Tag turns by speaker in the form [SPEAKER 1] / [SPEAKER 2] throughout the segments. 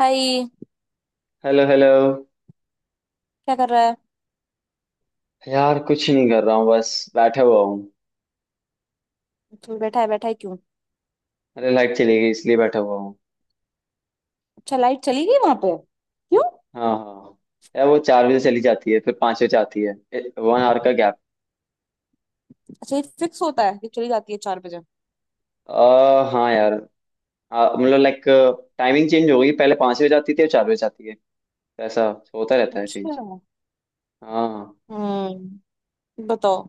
[SPEAKER 1] हाय।
[SPEAKER 2] Hello hello.
[SPEAKER 1] क्या कर रहा है।
[SPEAKER 2] यार कुछ नहीं कर रहा हूँ, बस बैठा हुआ हूँ।
[SPEAKER 1] चल बैठा है, बैठा है क्यों।
[SPEAKER 2] अरे लाइट चली गई इसलिए बैठा हुआ हूँ।
[SPEAKER 1] अच्छा, लाइट चली गई वहां पे क्यों।
[SPEAKER 2] हाँ हाँ हाँ। यार वो 4 बजे चली जाती है, फिर 5 बजे आती है। 1 आवर का गैप।
[SPEAKER 1] अच्छा, ये फिक्स होता है कि चली जाती है 4 बजे।
[SPEAKER 2] हाँ यार। मतलब लाइक टाइमिंग चेंज हो गई, पहले 5 बजे जाती थी और 4 बजे जाती है। तो ऐसा होता रहता है
[SPEAKER 1] अच्छा।
[SPEAKER 2] चेंज। हाँ
[SPEAKER 1] हम्म। बताओ।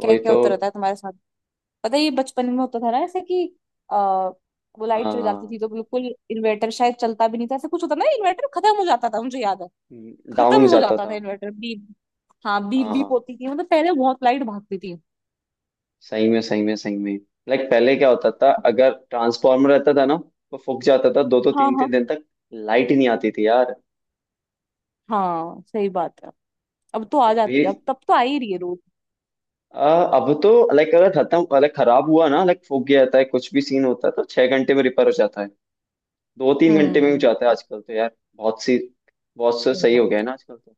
[SPEAKER 1] क्या क्या
[SPEAKER 2] तो।
[SPEAKER 1] होता रहता है तुम्हारे साथ। पता है ये बचपन में होता था ना ऐसे कि आ, वो लाइट चली जाती थी
[SPEAKER 2] हाँ
[SPEAKER 1] तो बिल्कुल इन्वर्टर शायद चलता भी नहीं था, ऐसे कुछ होता ना, इन्वर्टर खत्म हो जाता था, मुझे याद है।
[SPEAKER 2] डाउन
[SPEAKER 1] खत्म हो
[SPEAKER 2] जाता
[SPEAKER 1] जाता था
[SPEAKER 2] था।
[SPEAKER 1] Inverter, beep. हाँ बीप
[SPEAKER 2] हाँ
[SPEAKER 1] बीप
[SPEAKER 2] हाँ।
[SPEAKER 1] होती थी। मतलब पहले बहुत लाइट भागती थी।
[SPEAKER 2] सही में सही में सही में। लाइक पहले क्या होता था, अगर ट्रांसफार्मर रहता था ना तो फूक जाता था दो दो
[SPEAKER 1] हाँ
[SPEAKER 2] तीन
[SPEAKER 1] हाँ।
[SPEAKER 2] तीन दिन तक। लाइट ही नहीं आती थी यार।
[SPEAKER 1] हाँ सही बात है। अब तो आ
[SPEAKER 2] Like,
[SPEAKER 1] जाती
[SPEAKER 2] ये
[SPEAKER 1] है, अब तब तो आ ही रही है रोज।
[SPEAKER 2] आ, अब तो लाइक, अगर खत्म लाइक खराब हुआ ना, लाइक फूक गया जाता है, कुछ भी सीन होता है, तो 6 घंटे में रिपेयर हो जाता है। 2 3 घंटे में हो
[SPEAKER 1] हम्म।
[SPEAKER 2] जाता है आजकल तो यार। बहुत से
[SPEAKER 1] सही
[SPEAKER 2] सही हो
[SPEAKER 1] बात।
[SPEAKER 2] गया है ना आजकल तो।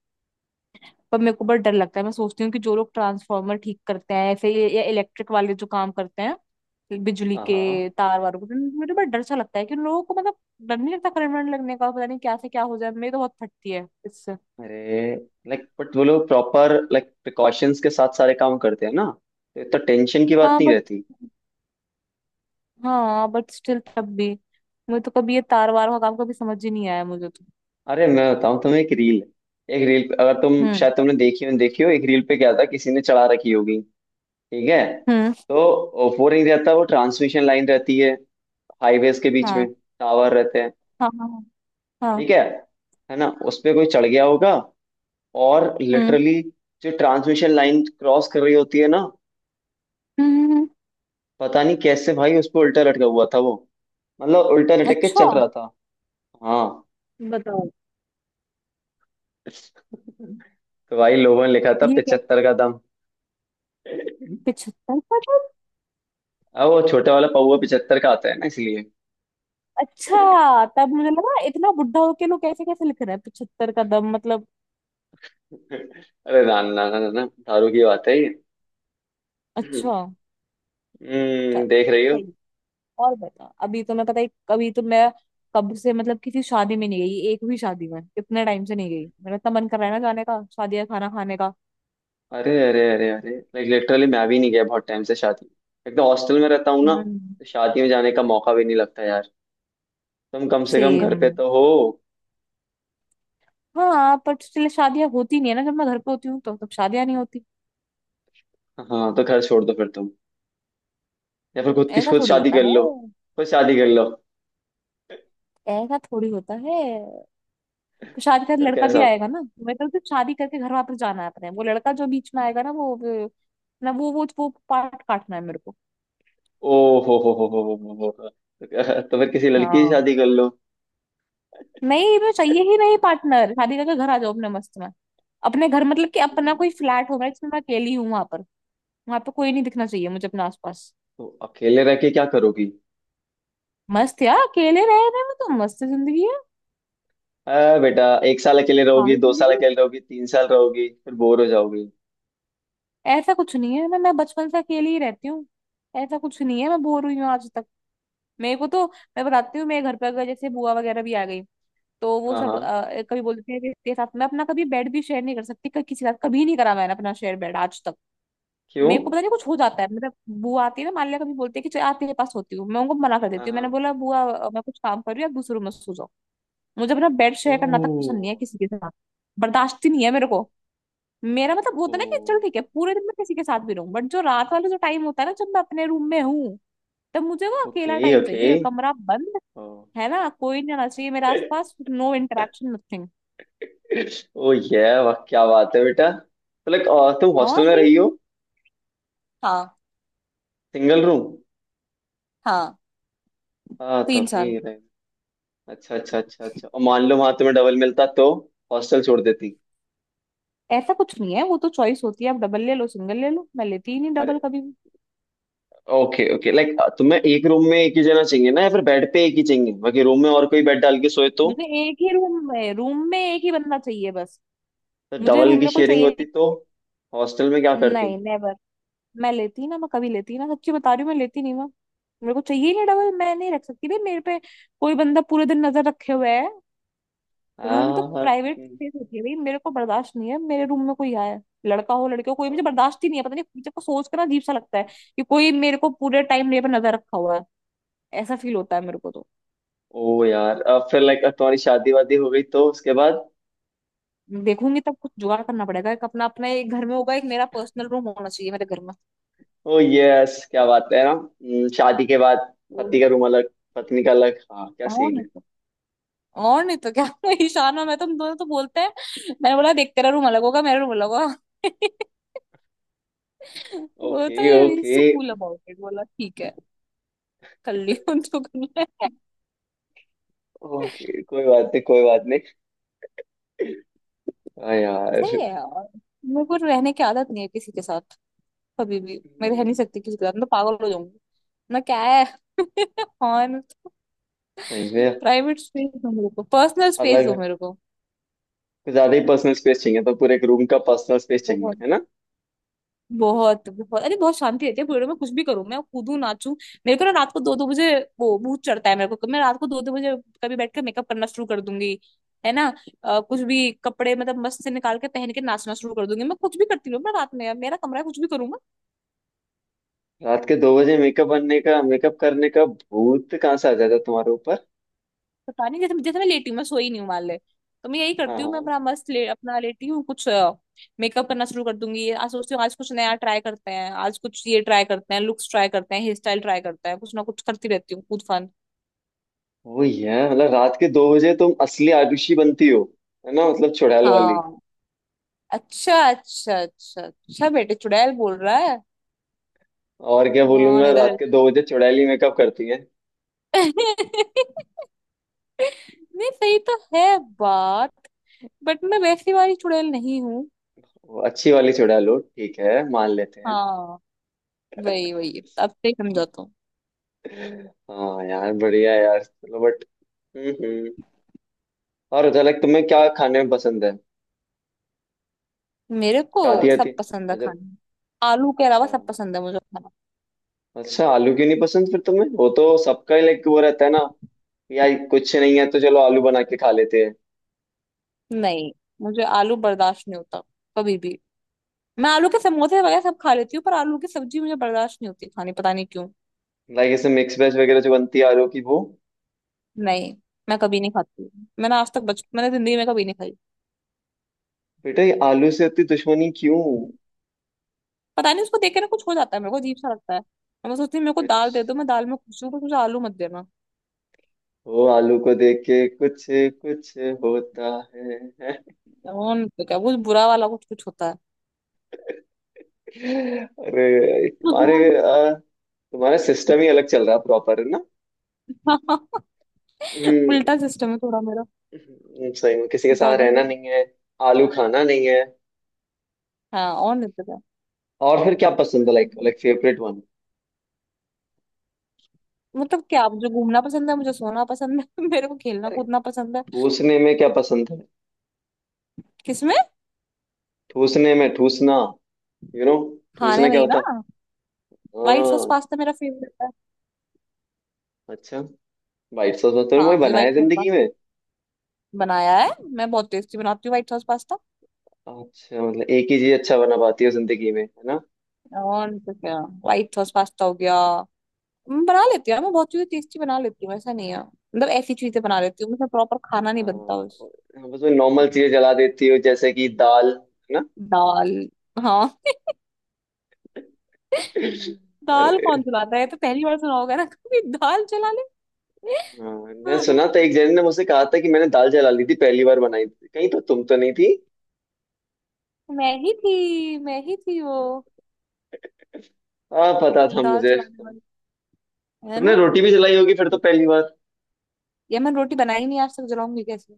[SPEAKER 1] पर मेरे को बहुत डर लगता है, मैं सोचती हूँ कि जो लोग ट्रांसफार्मर ठीक करते हैं, ऐसे या इलेक्ट्रिक वाले जो काम करते हैं, बिजली
[SPEAKER 2] हाँ हाँ।
[SPEAKER 1] के तार वारों को, तो मुझे बड़ा डर सा लगता है कि उन लोगों को मतलब डर नहीं लगता करंट वरंट लगने का, पता नहीं क्या से क्या हो जाए, मेरी तो बहुत फटती है इससे।
[SPEAKER 2] अरे लाइक बट वो लोग प्रॉपर लाइक प्रिकॉशंस के साथ सारे काम करते हैं ना, तो इतना टेंशन की बात
[SPEAKER 1] हाँ
[SPEAKER 2] नहीं
[SPEAKER 1] बट।
[SPEAKER 2] रहती।
[SPEAKER 1] स्टिल तब भी मुझे तो कभी ये तार वार का काम कभी समझ ही नहीं आया मुझे तो।
[SPEAKER 2] अरे मैं बताऊं तुम्हें एक रील। एक रील अगर तुम
[SPEAKER 1] हम्म।
[SPEAKER 2] शायद तुमने देखी हो, देखी हो एक रील पे क्या था, किसी ने चढ़ा रखी होगी। ठीक है।
[SPEAKER 1] हम्म।
[SPEAKER 2] तो वो नहीं रहता, वो ट्रांसमिशन लाइन रहती है हाईवेज के बीच
[SPEAKER 1] हाँ
[SPEAKER 2] में। टावर रहते हैं।
[SPEAKER 1] हाँ हाँ हाँ।
[SPEAKER 2] ठीक है। है ना। उस पे कोई चढ़ गया होगा। और
[SPEAKER 1] हम्म।
[SPEAKER 2] लिटरली जो ट्रांसमिशन लाइन क्रॉस कर रही होती है ना,
[SPEAKER 1] हम्म। हम्म।
[SPEAKER 2] पता नहीं कैसे भाई उस पर उल्टा लटका हुआ था वो। मतलब उल्टा लटक के
[SPEAKER 1] अच्छा।
[SPEAKER 2] चल रहा था। हाँ।
[SPEAKER 1] बताओ।
[SPEAKER 2] तो भाई लोगों ने लिखा था,
[SPEAKER 1] ये क्या।
[SPEAKER 2] 75 का दम।
[SPEAKER 1] 75।
[SPEAKER 2] अब वो छोटा वाला पौवा 75 का आता है ना, इसलिए।
[SPEAKER 1] अच्छा, तब मुझे लगा इतना बुढ़ा होके लोग कैसे कैसे लिख रहे हैं, 75 कदम, मतलब।
[SPEAKER 2] अरे ना ना ना ना ना, दारू की बात है ये।
[SPEAKER 1] अच्छा।
[SPEAKER 2] हम्म।
[SPEAKER 1] चलो।
[SPEAKER 2] देख रही हो।
[SPEAKER 1] सही। और बता, अभी तो मैं, पता है कभी तो मैं, कब से मतलब किसी शादी में नहीं गई, एक भी शादी में इतने टाइम से नहीं गई, मेरा इतना मन कर रहा है ना जाने का, शादी या खाना खाने का।
[SPEAKER 2] अरे अरे अरे अरे, लाइक लिटरली मैं भी नहीं गया बहुत टाइम से शादी। एक तो हॉस्टल में रहता हूँ ना,
[SPEAKER 1] हम्म।
[SPEAKER 2] तो शादी में जाने का मौका भी नहीं लगता यार। तुम कम से कम
[SPEAKER 1] सेम।
[SPEAKER 2] घर पे तो हो।
[SPEAKER 1] हाँ, पर इसलिए शादियां होती नहीं है ना, जब मैं घर पे होती हूँ तो तब शादियां नहीं होती।
[SPEAKER 2] हाँ तो घर छोड़ दो फिर तुम। या फिर खुद की
[SPEAKER 1] ऐसा
[SPEAKER 2] खुद
[SPEAKER 1] थोड़ी
[SPEAKER 2] शादी
[SPEAKER 1] होता है।
[SPEAKER 2] कर लो। खुद शादी कर लो।
[SPEAKER 1] ऐसा थोड़ी होता है। तो शादी का
[SPEAKER 2] फिर
[SPEAKER 1] लड़का
[SPEAKER 2] कैसा
[SPEAKER 1] भी
[SPEAKER 2] होता
[SPEAKER 1] आएगा
[SPEAKER 2] है?
[SPEAKER 1] ना। मैं कहती हूँ शादी करके घर वापस जाना है अपने, वो लड़का जो बीच में आएगा ना ना वो पार्ट काटना है मेरे को।
[SPEAKER 2] ओ हो हो। तो फिर किसी लड़की से
[SPEAKER 1] हाँ।
[SPEAKER 2] शादी कर लो।
[SPEAKER 1] नहीं, मैं चाहिए ही नहीं पार्टनर, शादी करके घर आ जाओ अपने मस्त में। अपने घर मतलब कि अपना कोई फ्लैट होगा जिसमें मैं अकेली हूँ वहां पर। वहां पे कोई नहीं दिखना चाहिए मुझे अपने आसपास।
[SPEAKER 2] तो अकेले रह के क्या करोगी।
[SPEAKER 1] मस्त यार, अकेले रह रहे में तो मस्त जिंदगी है।
[SPEAKER 2] आ बेटा, एक साल अकेले रहोगी,
[SPEAKER 1] पागल
[SPEAKER 2] 2 साल
[SPEAKER 1] जिंदगी
[SPEAKER 2] अकेले रहोगी, 3 साल रहोगी, फिर बोर हो जाओगी।
[SPEAKER 1] है। ऐसा कुछ नहीं है ना, मैं बचपन से अकेली ही रहती हूँ। ऐसा कुछ नहीं है, मैं बोर हुई हूँ आज तक, मेरे को तो। मैं बताती हूँ, मेरे घर पे अगर जैसे बुआ वगैरह भी आ गई, तो वो
[SPEAKER 2] हाँ
[SPEAKER 1] सब
[SPEAKER 2] हाँ।
[SPEAKER 1] कभी बोलते हैं कि इसके साथ मैं अपना कभी बेड भी शेयर नहीं कर सकती, किसी के साथ कभी नहीं करा मैंने अपना शेयर बेड आज तक।
[SPEAKER 2] क्यों।
[SPEAKER 1] मेरे को पता नहीं कुछ हो जाता है मतलब। बुआ आती है ना, मान लिया कभी बोलते हैं कि चल आज तेरे पास सोती हूँ, मैं उनको मना कर
[SPEAKER 2] हाँ
[SPEAKER 1] देती हूँ,
[SPEAKER 2] हाँ।
[SPEAKER 1] मैंने बोला बुआ मैं कुछ काम कर रही हूँ, आप दूसरे रूम में सो जाओ। मुझे अपना बेड शेयर करना तक पसंद
[SPEAKER 2] ओ।
[SPEAKER 1] नहीं है किसी के साथ। बर्दाश्त ही नहीं है मेरे को। मेरा मतलब
[SPEAKER 2] ओ।
[SPEAKER 1] होता है ना कि चल ठीक है पूरे दिन मैं किसी के साथ भी रहूं, बट जो रात वाला जो टाइम होता है ना, जब मैं अपने रूम में हूँ, तब मुझे वो अकेला
[SPEAKER 2] ओके
[SPEAKER 1] टाइम
[SPEAKER 2] ओके।
[SPEAKER 1] चाहिए, कमरा बंद,
[SPEAKER 2] ओ।
[SPEAKER 1] है ना, कोई नहीं आना चाहिए मेरे आसपास, नो इंटरेक्शन, नथिंग।
[SPEAKER 2] ओ ये वाह क्या बात है बेटा। तो लाइक तुम
[SPEAKER 1] हाँ
[SPEAKER 2] हॉस्टल में
[SPEAKER 1] सही है।
[SPEAKER 2] रही हो।
[SPEAKER 1] हाँ।
[SPEAKER 2] Single room.
[SPEAKER 1] हाँ।
[SPEAKER 2] हाँ
[SPEAKER 1] 3 साल।
[SPEAKER 2] तभी रह। अच्छा अच्छा अच्छा अच्छा, और मान लो वहां तुम्हें डबल मिलता तो हॉस्टल छोड़ देती।
[SPEAKER 1] ऐसा कुछ नहीं है, वो तो चॉइस होती है, आप डबल ले लो सिंगल ले लो, मैं लेती ही नहीं
[SPEAKER 2] अरे
[SPEAKER 1] डबल कभी भी।
[SPEAKER 2] ओके ओके, लाइक तुम्हें एक रूम में एक ही जना चाहिए ना, या फिर बेड पे एक ही चाहिए, बाकी रूम में और कोई बेड डाल के सोए
[SPEAKER 1] मुझे एक ही रूम में, रूम में एक ही बंदा चाहिए बस।
[SPEAKER 2] तो
[SPEAKER 1] मुझे
[SPEAKER 2] डबल
[SPEAKER 1] रूम
[SPEAKER 2] की
[SPEAKER 1] में कोई
[SPEAKER 2] शेयरिंग
[SPEAKER 1] चाहिए।
[SPEAKER 2] होती तो हॉस्टल में क्या
[SPEAKER 1] नहीं
[SPEAKER 2] करती।
[SPEAKER 1] नहीं, नेवर। मैं लेती ही ना, मैं कभी लेती ही ना, सच्ची बता रही हूँ, मैं लेती नहीं मैं। मेरे को चाहिए ही नहीं डबल, मैं नहीं रख सकती भाई मेरे पे कोई बंदा पूरे दिन नजर रखे हुए है। रूम तो
[SPEAKER 2] हाँ।
[SPEAKER 1] प्राइवेट स्पेस होती है भाई, मेरे को बर्दाश्त नहीं है मेरे रूम में कोई आए। लड़का हो लड़की हो कोई, मुझे बर्दाश्त ही नहीं है। पता नहीं मुझे को सोच कर ना अजीब सा लगता है कि कोई मेरे को पूरे टाइम मेरे पर नजर रखा हुआ है। ऐसा फील होता है मेरे को तो।
[SPEAKER 2] ओ यार अब फिर लाइक तुम्हारी शादी वादी हो गई, तो उसके बाद।
[SPEAKER 1] देखूंगी तब, कुछ जुगाड़ करना पड़ेगा, एक अपना, अपना एक घर में होगा, एक मेरा पर्सनल रूम होना चाहिए मेरे घर में।
[SPEAKER 2] ओ यस क्या बात है ना। शादी के बाद पति का रूम अलग, पत्नी का अलग, हाँ क्या
[SPEAKER 1] और
[SPEAKER 2] सीन
[SPEAKER 1] नहीं
[SPEAKER 2] है।
[SPEAKER 1] तो। और नहीं तो क्या। ईशान और मैं तुम दोनों तो बोलते हैं। मैंने बोला देख तेरा रूम अलग होगा मेरा रूम अलग होगा। वो तो
[SPEAKER 2] ओके ओके
[SPEAKER 1] इससे कूल अबाउट इट, बोला ठीक है, कर लियो जो करना है।
[SPEAKER 2] ओके, कोई बात नहीं, कोई बात नहीं। हाँ यार।
[SPEAKER 1] सही है यार, मेरे को रहने की आदत नहीं है किसी के साथ। कभी भी मैं रह नहीं
[SPEAKER 2] हम्म,
[SPEAKER 1] सकती किसी के साथ, मैं तो पागल हो जाऊंगी। मैं क्या है। और
[SPEAKER 2] सही है।
[SPEAKER 1] प्राइवेट स्पेस दो मेरे को, पर्सनल स्पेस
[SPEAKER 2] अलग,
[SPEAKER 1] दो मेरे को।
[SPEAKER 2] कुछ ज्यादा ही पर्सनल स्पेस चाहिए, तो पूरे एक रूम का पर्सनल स्पेस चाहिए
[SPEAKER 1] बहुत
[SPEAKER 2] है ना।
[SPEAKER 1] बहुत बहुत, अरे बहुत शांति रहती है पूरे में, कुछ भी करूँ मैं कूदू नाचू। मेरे को ना रात को 2 2 बजे वो भूत चढ़ता है, मेरे को मैं रात को 2 2 बजे कभी बैठ कर मेकअप करना शुरू कर दूंगी, है ना। कुछ भी कपड़े मतलब मस्त से निकाल के पहन के नाचना शुरू कर दूंगी। मैं कुछ भी करती हूँ मैं रात में, मेरा कमरा है, कुछ भी करूँ मैं।
[SPEAKER 2] रात के 2 बजे मेकअप बनने का, मेकअप करने का भूत कहाँ से आ जाता है तुम्हारे ऊपर।
[SPEAKER 1] पता नहीं जैसे जैसे मैं लेटी हूँ, मैं सोई नहीं हूँ मान ले, तो मैं यही
[SPEAKER 2] हाँ
[SPEAKER 1] करती हूँ,
[SPEAKER 2] हाँ।
[SPEAKER 1] मैं अपना मस्त ले अपना लेटी हूँ कुछ मेकअप करना शुरू कर दूंगी। आज सोचती हूँ आज कुछ नया ट्राई करते हैं, आज कुछ ये ट्राई करते हैं, लुक्स ट्राई करते हैं, हेयर स्टाइल ट्राई करते हैं, कुछ ना कुछ करती रहती हूँ कूद फान।
[SPEAKER 2] वो ये है, मतलब रात के 2 बजे तुम असली आरुषि बनती हो। है ना, मतलब चुड़ैल वाली।
[SPEAKER 1] हाँ। अच्छा अच्छा अच्छा अच्छा, बेटे चुड़ैल बोल रहा है।
[SPEAKER 2] और क्या
[SPEAKER 1] कौन
[SPEAKER 2] बोलूंगा, रात
[SPEAKER 1] इधर।
[SPEAKER 2] के 2 बजे चुड़ैली मेकअप करती है।
[SPEAKER 1] नहीं, सही तो है बात, बट मैं वैसी वाली चुड़ैल नहीं हूँ।
[SPEAKER 2] वो अच्छी वाली चुड़ैल हो, ठीक है मान लेते हैं।
[SPEAKER 1] हाँ। वही वही, अब से ही समझाता हूँ।
[SPEAKER 2] हाँ यार, बढ़िया यार, चलो बट। हम्म। और अच्छा लाइक तुम्हें क्या खाने में पसंद है।
[SPEAKER 1] मेरे को
[SPEAKER 2] शादी
[SPEAKER 1] सब
[SPEAKER 2] आती।
[SPEAKER 1] पसंद है
[SPEAKER 2] अच्छा।
[SPEAKER 1] खाना। आलू के अलावा
[SPEAKER 2] अच्छा
[SPEAKER 1] सब पसंद है मुझे खाना।
[SPEAKER 2] अच्छा आलू क्यों नहीं पसंद फिर तुम्हें, वो तो सबका ही लाइक वो रहता है ना। यार कुछ नहीं है तो चलो आलू बना के खा लेते हैं।
[SPEAKER 1] नहीं, मुझे आलू बर्दाश्त नहीं होता कभी भी। मैं आलू के समोसे वगैरह सब खा लेती हूँ, पर आलू की सब्जी मुझे बर्दाश्त नहीं होती खानी, पता नहीं क्यों।
[SPEAKER 2] लाइक ऐसे मिक्स वेज वगैरह जो बनती है आलू की, वो।
[SPEAKER 1] नहीं, मैं कभी नहीं खाती, मैंने आज तक बच मैंने जिंदगी में कभी नहीं खाई।
[SPEAKER 2] बेटा ये आलू से इतनी दुश्मनी क्यों।
[SPEAKER 1] पता नहीं उसको देख के ना कुछ हो जाता है मेरे को, अजीब सा लगता है, और मैं सोचती हूँ मेरे को
[SPEAKER 2] कुछ
[SPEAKER 1] दाल दे दो, मैं दाल में खुश हूँ, बस मुझे आलू मत देना।
[SPEAKER 2] वो आलू को देख के कुछ कुछ होता है।
[SPEAKER 1] और नहीं तो क्या, वो बुरा वाला कुछ कुछ होता है।
[SPEAKER 2] अरे तुम्हारा सिस्टम ही अलग चल रहा है, प्रॉपर है ना। हम्म।
[SPEAKER 1] उल्टा सिस्टम है थोड़ा मेरा।
[SPEAKER 2] सही में किसी के साथ
[SPEAKER 1] ज्यादा
[SPEAKER 2] रहना
[SPEAKER 1] ही।
[SPEAKER 2] नहीं है, आलू खाना नहीं है।
[SPEAKER 1] हाँ और नहीं तो क्या।
[SPEAKER 2] और फिर क्या पसंद है, लाइक लाइक फेवरेट वन।
[SPEAKER 1] मतलब क्या, मुझे घूमना पसंद है, मुझे सोना पसंद है, मेरे को खेलना कूदना पसंद है।
[SPEAKER 2] ठूसने में क्या पसंद है।
[SPEAKER 1] किसमें।
[SPEAKER 2] ठूसने में ठूसना यू नो।
[SPEAKER 1] खाने
[SPEAKER 2] ठूसना क्या
[SPEAKER 1] नहीं
[SPEAKER 2] होता।
[SPEAKER 1] ना। व्हाइट सॉस
[SPEAKER 2] हाँ।
[SPEAKER 1] पास्ता मेरा फेवरेट है।
[SPEAKER 2] अच्छा। वाइट सॉस तो
[SPEAKER 1] हाँ
[SPEAKER 2] वही
[SPEAKER 1] मुझे
[SPEAKER 2] बनाया
[SPEAKER 1] व्हाइट
[SPEAKER 2] है
[SPEAKER 1] सॉस
[SPEAKER 2] जिंदगी
[SPEAKER 1] पास्ता
[SPEAKER 2] में।
[SPEAKER 1] बनाया है। मैं बहुत टेस्टी बनाती हूँ व्हाइट सॉस पास्ता।
[SPEAKER 2] अच्छा मतलब एक ही चीज अच्छा बना पाती हो जिंदगी में, है ना।
[SPEAKER 1] और नहीं तो क्या, व्हाइट सॉस पास्ता हो गया, मैं बना लेती हूँ यार, मैं बहुत चीजें टेस्टी बना लेती हूँ। ऐसा नहीं है मतलब, ऐसी चीजें बना लेती हूँ, मतलब प्रॉपर खाना
[SPEAKER 2] हाँ
[SPEAKER 1] नहीं बनता बस।
[SPEAKER 2] हाँ, बस वही नॉर्मल चीजें जला देती हो, जैसे कि दाल। है ना।
[SPEAKER 1] दाल। हाँ। दाल
[SPEAKER 2] अरे।
[SPEAKER 1] कौन चलाता है, ये तो पहली बार सुना होगा ना, कभी दाल चला ले।
[SPEAKER 2] हाँ। मैं सुना
[SPEAKER 1] हाँ,
[SPEAKER 2] था, एक जन ने मुझसे कहा था कि मैंने दाल जला ली थी पहली बार बनाई थी कहीं, तो तुम तो नहीं थी।
[SPEAKER 1] मैं ही थी वो
[SPEAKER 2] हाँ पता
[SPEAKER 1] वो
[SPEAKER 2] था
[SPEAKER 1] दाल
[SPEAKER 2] मुझे।
[SPEAKER 1] जलाने वाली। है
[SPEAKER 2] तुमने
[SPEAKER 1] ना।
[SPEAKER 2] रोटी भी जलाई होगी फिर तो
[SPEAKER 1] ये
[SPEAKER 2] पहली बार।
[SPEAKER 1] ये मैं रोटी बनाई नहीं आज तक, जलाऊंगी कैसे।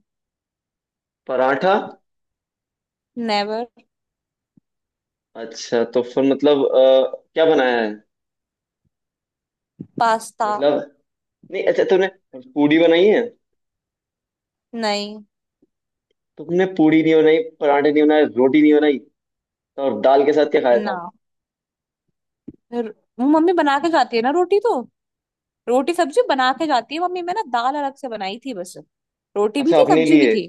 [SPEAKER 2] पराठा।
[SPEAKER 1] नेवर।
[SPEAKER 2] अच्छा तो फिर मतलब क्या बनाया है।
[SPEAKER 1] पास्ता।
[SPEAKER 2] मतलब, नहीं अच्छा तुमने पूड़ी बनाई है।
[SPEAKER 1] नहीं
[SPEAKER 2] तुमने पूड़ी नहीं बनाई, पराठे नहीं बनाए, रोटी नहीं बनाई, तो और दाल के साथ क्या खाया
[SPEAKER 1] ना।
[SPEAKER 2] था।
[SPEAKER 1] फिर- वो मम्मी बना के जाती है ना रोटी तो, रोटी सब्जी बना के जाती है मम्मी, मैं ना दाल अलग से बनाई थी बस, रोटी भी
[SPEAKER 2] अच्छा
[SPEAKER 1] थी
[SPEAKER 2] अपने
[SPEAKER 1] सब्जी भी
[SPEAKER 2] लिए।
[SPEAKER 1] थी।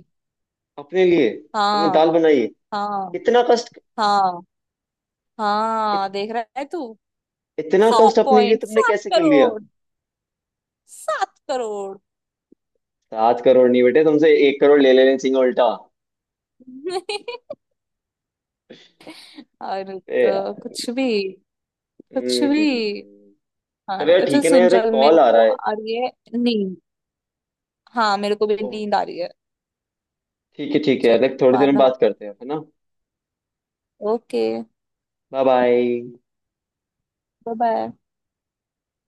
[SPEAKER 2] अपने लिए तुमने दाल
[SPEAKER 1] हाँ।
[SPEAKER 2] बनाई।
[SPEAKER 1] हाँ।
[SPEAKER 2] इतना कष्ट।
[SPEAKER 1] हाँ।
[SPEAKER 2] इत,
[SPEAKER 1] हाँ देख रहा है तू।
[SPEAKER 2] इतना
[SPEAKER 1] सौ
[SPEAKER 2] कष्ट अपने लिए
[SPEAKER 1] पॉइंट
[SPEAKER 2] तुमने
[SPEAKER 1] सात
[SPEAKER 2] कैसे कर लिया।
[SPEAKER 1] करोड़ 7 करोड़।
[SPEAKER 2] 7 करोड़ नहीं बेटे, तुमसे 1 करोड़ ले लेने चाहिए उल्टा।
[SPEAKER 1] और
[SPEAKER 2] ए
[SPEAKER 1] तो
[SPEAKER 2] यार।
[SPEAKER 1] कुछ भी। कुछ
[SPEAKER 2] हम्म हम्म, हम्म,
[SPEAKER 1] भी।
[SPEAKER 2] हम्म।
[SPEAKER 1] हाँ
[SPEAKER 2] चलो
[SPEAKER 1] ना,
[SPEAKER 2] यार,
[SPEAKER 1] अच्छा
[SPEAKER 2] ठीक है ना
[SPEAKER 1] सुन
[SPEAKER 2] यार, एक
[SPEAKER 1] चल मेरे
[SPEAKER 2] कॉल आ
[SPEAKER 1] को
[SPEAKER 2] रहा है।
[SPEAKER 1] आ रही है नींद। हाँ मेरे को भी
[SPEAKER 2] ओह।
[SPEAKER 1] नींद आ रही है।
[SPEAKER 2] ठीक है
[SPEAKER 1] चल,
[SPEAKER 2] यार, एक थोड़ी देर
[SPEAKER 1] बाद
[SPEAKER 2] में
[SPEAKER 1] में बात।
[SPEAKER 2] बात करते हैं, है ना।
[SPEAKER 1] Okay, bye.
[SPEAKER 2] Bye bye.
[SPEAKER 1] Bye.